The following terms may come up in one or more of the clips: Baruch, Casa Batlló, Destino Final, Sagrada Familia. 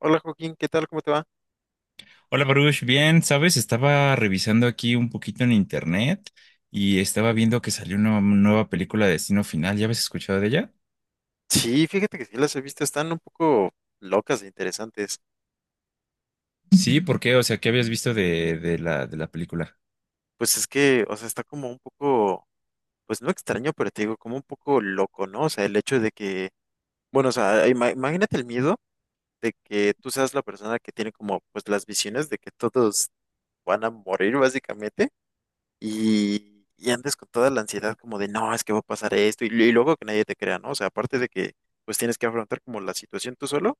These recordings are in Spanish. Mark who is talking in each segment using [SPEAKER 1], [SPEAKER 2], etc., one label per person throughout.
[SPEAKER 1] Hola Joaquín, ¿qué tal? ¿Cómo te va?
[SPEAKER 2] Hola Baruch, bien, sabes, estaba revisando aquí un poquito en internet y estaba viendo que salió una nueva película de Destino Final. ¿Ya habías escuchado de ella?
[SPEAKER 1] Sí, fíjate que sí las he visto, están un poco locas e interesantes.
[SPEAKER 2] Sí, ¿por qué? O sea, ¿qué habías visto de la película?
[SPEAKER 1] Pues es que, o sea, está como un poco, pues no extraño, pero te digo, como un poco loco, ¿no? O sea, el hecho de que, bueno, o sea, imagínate el miedo de que tú seas la persona que tiene como, pues las visiones de que todos van a morir básicamente y andes con toda la ansiedad como de, no, es que va a pasar esto y luego que nadie te crea, ¿no? O sea, aparte de que, pues tienes que afrontar como la situación tú solo.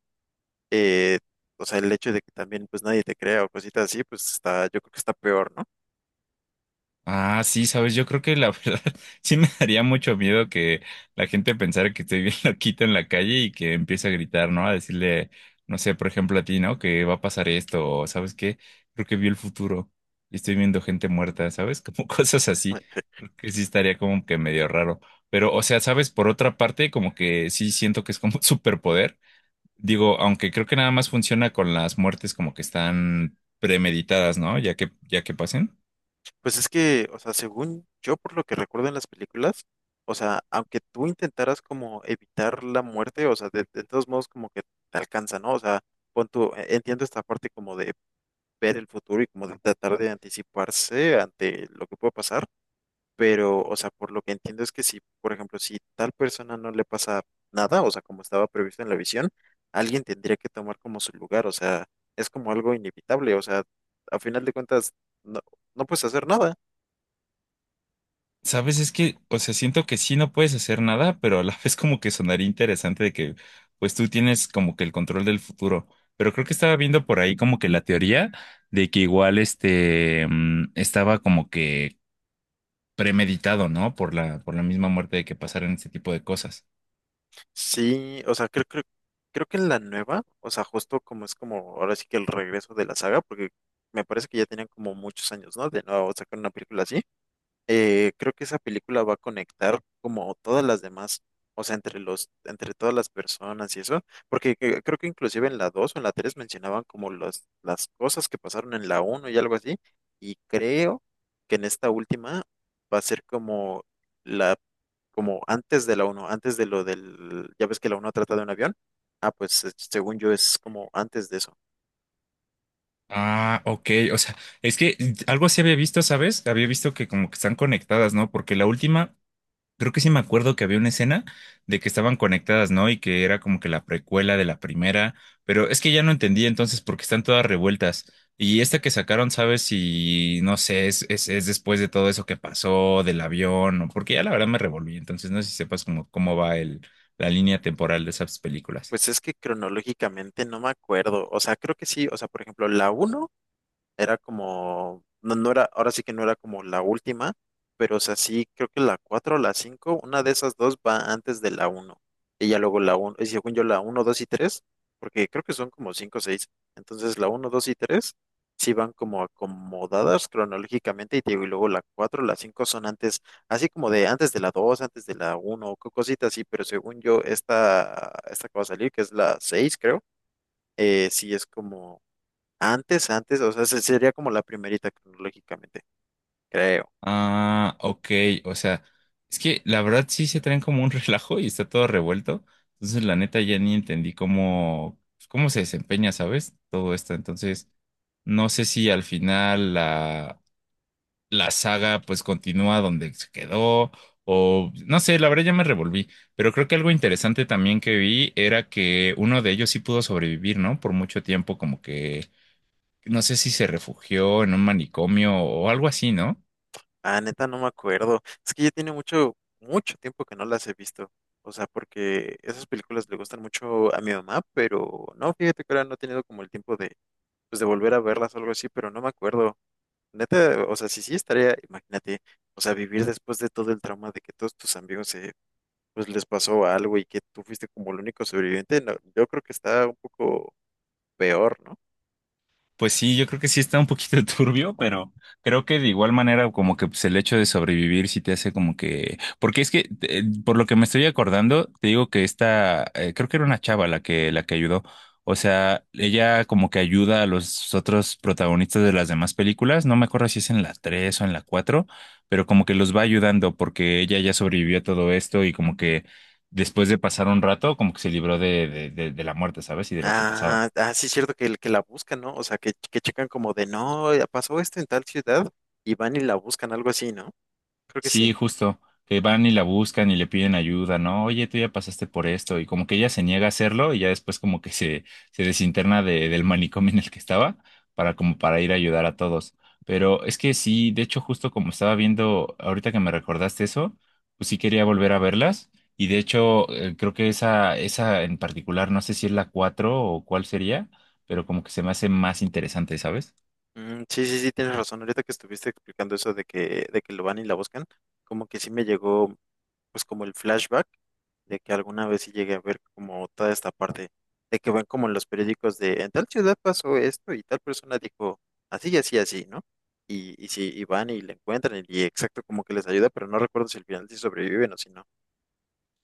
[SPEAKER 1] eh, o sea, el hecho de que también pues nadie te crea o cositas así, pues está, yo creo que está peor, ¿no?
[SPEAKER 2] Ah, sí, sabes, yo creo que la verdad sí me daría mucho miedo que la gente pensara que estoy bien loquito en la calle y que empiece a gritar, ¿no? A decirle, no sé, por ejemplo a ti, ¿no? Que va a pasar esto, o ¿sabes qué? Creo que vi el futuro y estoy viendo gente muerta, ¿sabes? Como cosas así.
[SPEAKER 1] Ay.
[SPEAKER 2] Creo que sí estaría como que medio raro. Pero, o sea, ¿sabes? Por otra parte, como que sí siento que es como un superpoder. Digo, aunque creo que nada más funciona con las muertes como que están premeditadas, ¿no? Ya que pasen.
[SPEAKER 1] Pues es que, o sea, según yo, por lo que recuerdo en las películas, o sea, aunque tú intentaras como evitar la muerte, o sea, de todos modos como que te alcanza, ¿no? O sea, pon tú, entiendo esta parte como de ver el futuro y como de tratar de anticiparse ante lo que puede pasar. Pero, o sea, por lo que entiendo es que si, por ejemplo, si tal persona no le pasa nada, o sea, como estaba previsto en la visión, alguien tendría que tomar como su lugar, o sea, es como algo inevitable, o sea, a final de cuentas, no, no puedes hacer nada.
[SPEAKER 2] Sabes, es que, o sea, siento que sí no puedes hacer nada, pero a la vez como que sonaría interesante de que, pues tú tienes como que el control del futuro. Pero creo que estaba viendo por ahí como que la teoría de que igual este estaba como que premeditado, ¿no? Por la misma muerte de que pasaran este tipo de cosas.
[SPEAKER 1] Sí, o sea, creo que en la nueva, o sea, justo como es como ahora sí que el regreso de la saga, porque me parece que ya tenían como muchos años, ¿no? De nuevo sacar una película así. Creo que esa película va a conectar como todas las demás, o sea, entre todas las personas y eso, porque creo que inclusive en la 2 o en la 3 mencionaban como las cosas que pasaron en la uno y algo así, y creo que en esta última va a ser como la, como antes de la uno antes de lo del, ya ves que la uno trata de un avión, ah, pues según yo es como antes de eso.
[SPEAKER 2] Ah, ok. O sea, es que algo así había visto, ¿sabes? Había visto que como que están conectadas, ¿no? Porque la última, creo que sí me acuerdo que había una escena de que estaban conectadas, ¿no? Y que era como que la precuela de la primera, pero es que ya no entendí entonces porque están todas revueltas. Y esta que sacaron, ¿sabes si, no sé, es después de todo eso que pasó, del avión? O porque ya la verdad me revolví, entonces no sé si sepas cómo, cómo va el, la
[SPEAKER 1] Mm.
[SPEAKER 2] línea temporal de esas películas.
[SPEAKER 1] Pues es que cronológicamente no me acuerdo, o sea, creo que sí, o sea, por ejemplo, la uno era como, no, no era, ahora sí que no era como la última, pero o sea, sí, creo que la 4 o la cinco, una de esas dos va antes de la uno. Y ya luego la uno y según yo la uno 2 y tres, porque creo que son como 5 o 6. Entonces la uno 2 y 3 sí van como acomodadas cronológicamente y, te digo, y luego la 4 la 5 son antes, así como de antes de la 2 antes de la uno cositas así, pero según yo esta, esta que va a salir, que es la 6 creo, sí es como... Antes, antes, o sea, sería como la primerita cronológicamente, creo.
[SPEAKER 2] Ah, ok, o sea, es que la verdad sí se traen como un relajo y está todo revuelto. Entonces, la neta ya ni entendí cómo, pues, cómo se desempeña, ¿sabes? Todo esto. Entonces, no sé si al final la, la saga pues continúa donde se quedó o no sé, la verdad ya me revolví. Pero creo que algo interesante también que vi era que uno de ellos sí pudo sobrevivir, ¿no? Por mucho tiempo, como que no sé si se refugió en un manicomio o algo así, ¿no?
[SPEAKER 1] Ah, neta, no me acuerdo. Es que ya tiene mucho, mucho tiempo que no las he visto. O sea, porque esas películas le gustan mucho a mi mamá, pero no, fíjate que ahora no he tenido como el tiempo de, pues, de volver a verlas o algo así, pero no me acuerdo. Neta, o sea, sí, sí estaría, imagínate, o sea, vivir después de todo el trauma de que todos tus amigos se, pues les pasó algo y que tú fuiste como el único sobreviviente, no, yo creo que está un poco peor, ¿no?
[SPEAKER 2] Pues sí, yo creo que sí está un poquito turbio, pero creo que de igual manera como que pues, el hecho de sobrevivir sí te hace como que... Porque es que, por lo que me estoy acordando, te digo que esta, creo que era una chava la que ayudó. O sea, ella como que ayuda a los otros protagonistas de las demás películas. No me acuerdo si es en la 3 o en la 4, pero como que los va ayudando porque ella ya sobrevivió a todo esto y como que después de pasar un rato, como que se libró de la muerte, ¿sabes? Y de lo que
[SPEAKER 1] Ah,
[SPEAKER 2] pasaba.
[SPEAKER 1] ah, sí, es cierto que la buscan, ¿no? O sea, que checan como de, no, ya pasó esto en tal ciudad y van y la buscan, algo así, ¿no? Creo que
[SPEAKER 2] Sí,
[SPEAKER 1] sí.
[SPEAKER 2] justo, que van y la buscan y le piden ayuda, ¿no? Oye, tú ya pasaste por esto y como que ella se niega a hacerlo y ya después como que se desinterna de- del manicomio en el que estaba para como para ir a ayudar a todos. Pero es que sí, de hecho justo como estaba viendo ahorita que me recordaste eso, pues sí quería volver a verlas y de hecho creo que esa en particular, no sé si es la 4 o cuál sería, pero como que se me hace más interesante, ¿sabes?
[SPEAKER 1] Mm, sí, tienes razón. Ahorita que estuviste explicando eso de que lo van y la buscan, como que sí me llegó, pues como el flashback de que alguna vez sí llegué a ver como toda esta parte, de que ven como en los periódicos de, en tal ciudad pasó esto y tal persona dijo, así, así, ¿no? Y sí, y van y le encuentran y exacto como que les ayuda, pero no recuerdo si al final sí sobreviven o si no.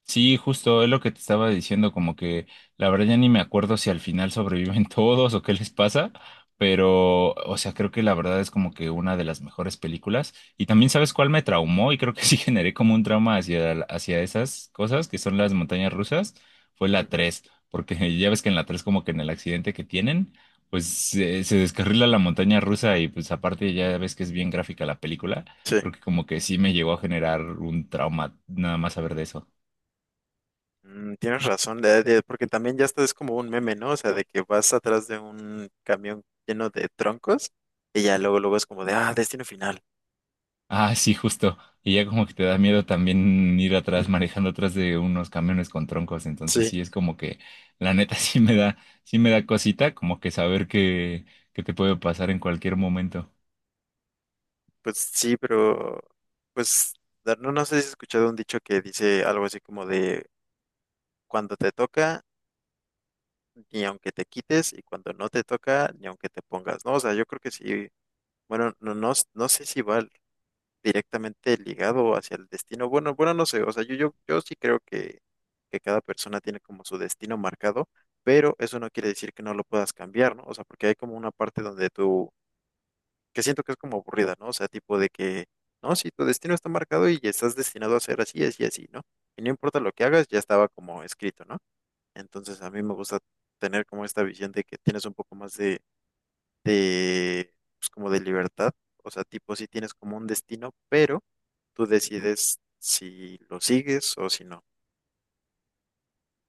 [SPEAKER 2] Sí, justo es lo que te estaba diciendo, como que la verdad ya ni me acuerdo si al final sobreviven todos o qué les pasa, pero o sea, creo que la verdad es como que una de las mejores películas. Y también sabes cuál me traumó y creo que sí generé como un trauma hacia, hacia esas cosas que son las montañas rusas, fue
[SPEAKER 1] Mm.
[SPEAKER 2] la 3, porque ya ves que en la 3 como que en el accidente que tienen, pues se descarrila la montaña rusa y pues aparte ya ves que es bien gráfica la película,
[SPEAKER 1] Sí.
[SPEAKER 2] creo que como que sí me llegó a generar un trauma nada más saber de eso.
[SPEAKER 1] Mm, tienes razón, porque también ya estás es como un meme, ¿no? O sea, de que vas atrás de un camión lleno de troncos y ya luego luego es como de, ah, destino final.
[SPEAKER 2] Ah, sí, justo. Y ya como que te da miedo también ir atrás,
[SPEAKER 1] Mm.
[SPEAKER 2] manejando atrás de unos camiones con troncos. Entonces
[SPEAKER 1] Sí,
[SPEAKER 2] sí es como que, la neta, sí me da cosita, como que saber que te puede pasar en cualquier momento.
[SPEAKER 1] pues sí, pero pues no, no sé si has escuchado un dicho que dice algo así como de cuando te toca, ni aunque te quites, y cuando no te toca, ni aunque te pongas, ¿no? O sea, yo creo que sí, bueno, no sé si va directamente ligado hacia el destino. Bueno, bueno, no sé, o sea, yo sí creo que cada persona tiene como su destino marcado, pero eso no quiere decir que no lo puedas cambiar, ¿no? O sea, porque hay como una parte donde tú, que siento que es como aburrida, ¿no? O sea, tipo de que, no, sí, tu destino está marcado y estás destinado a ser así, así, así, ¿no? Y no importa lo que hagas, ya estaba como escrito, ¿no? Entonces a mí me gusta tener como esta visión de que tienes un poco más de, pues como de libertad, o sea, tipo sí tienes como un destino, pero tú decides si lo sigues o si no.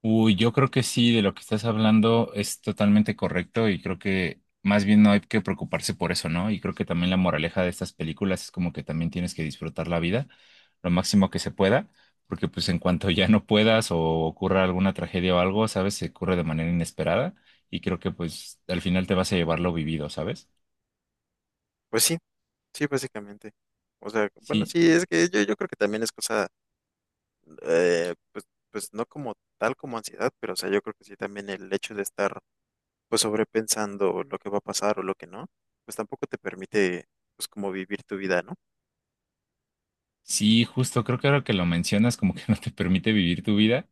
[SPEAKER 2] Uy, yo creo que sí, de lo que estás hablando es totalmente correcto y creo que más bien no hay que preocuparse por eso, ¿no? Y creo que también la moraleja de estas películas es como que también tienes que disfrutar la vida lo máximo que se pueda, porque pues en cuanto ya no puedas o ocurra alguna tragedia o algo, ¿sabes? Se ocurre de manera inesperada y creo que pues al final te vas a llevar lo vivido, ¿sabes?
[SPEAKER 1] Pues sí, sí, básicamente. O sea, bueno,
[SPEAKER 2] Sí.
[SPEAKER 1] sí, es que yo creo que también es cosa, pues, pues no como tal como ansiedad, pero o sea, yo creo que sí también el hecho de estar pues sobrepensando lo que va a pasar o lo que no, pues tampoco te permite pues como vivir tu vida, ¿no?
[SPEAKER 2] Sí, justo, creo que ahora que lo mencionas, como que no te permite vivir tu vida.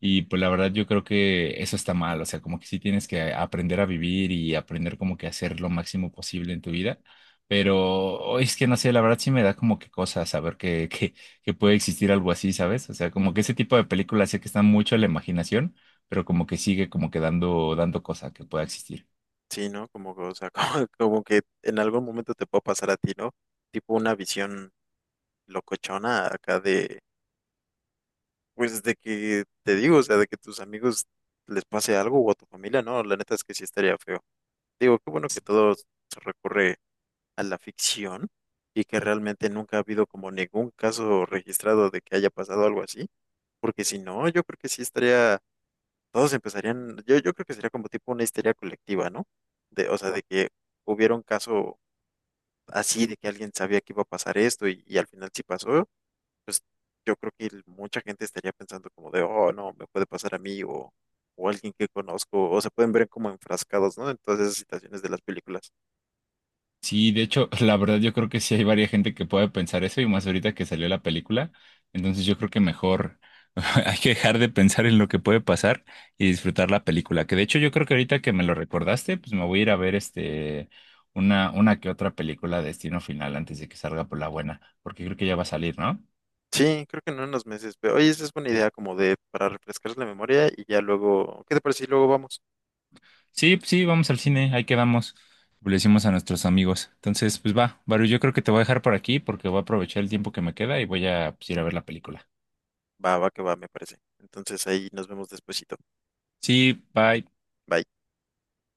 [SPEAKER 2] Y pues la verdad yo creo que eso está mal, o sea, como que sí tienes que aprender a vivir y aprender como que a hacer lo máximo posible en tu vida. Pero oh, es que no sé, la verdad sí me da como que cosa saber que puede existir algo así, ¿sabes? O sea, como que ese tipo de películas sé que están mucho a la imaginación, pero como que sigue como que dando cosa que pueda existir.
[SPEAKER 1] Sí, ¿no? Como, que, o sea, como, como que en algún momento te puede pasar a ti, ¿no? Tipo una visión locochona acá de, pues de que te digo, o sea, de que tus amigos les pase algo o a tu familia, no, la neta es que sí estaría feo. Digo, qué bueno que todo se recurre a la ficción y que realmente nunca ha habido como ningún caso registrado de que haya pasado algo así, porque si no, yo creo que sí estaría, todos empezarían, yo creo que sería como tipo una histeria colectiva, ¿no? De, o sea, de que hubiera un caso así, de que alguien sabía que iba a pasar esto y al final sí pasó. Pues yo creo que mucha gente estaría pensando como de, oh, no, me puede pasar a mí o alguien que conozco, o se pueden ver como enfrascados, ¿no? En todas esas situaciones de las películas.
[SPEAKER 2] Sí, de hecho, la verdad yo creo que sí hay varias gente que puede pensar eso y más ahorita que salió la película. Entonces yo creo que mejor hay que dejar de pensar en lo que puede pasar y disfrutar la película. Que de hecho yo creo que ahorita que me lo recordaste, pues me voy a ir a ver este una que otra película de Destino Final antes de que salga por la buena, porque creo que ya va a salir, ¿no?
[SPEAKER 1] Sí, creo que en unos meses, pero oye, esa es buena idea como de para refrescar la memoria y ya luego, ¿qué te parece? Y luego vamos.
[SPEAKER 2] Sí, pues sí, vamos al cine, ahí quedamos. Le decimos a nuestros amigos. Entonces, pues va, Baru, yo creo que te voy a dejar por aquí porque voy a aprovechar el tiempo que me queda y voy a pues, ir a ver la película.
[SPEAKER 1] Va, va, que va, me parece. Entonces ahí nos vemos despuesito.
[SPEAKER 2] Sí, bye.
[SPEAKER 1] Bye.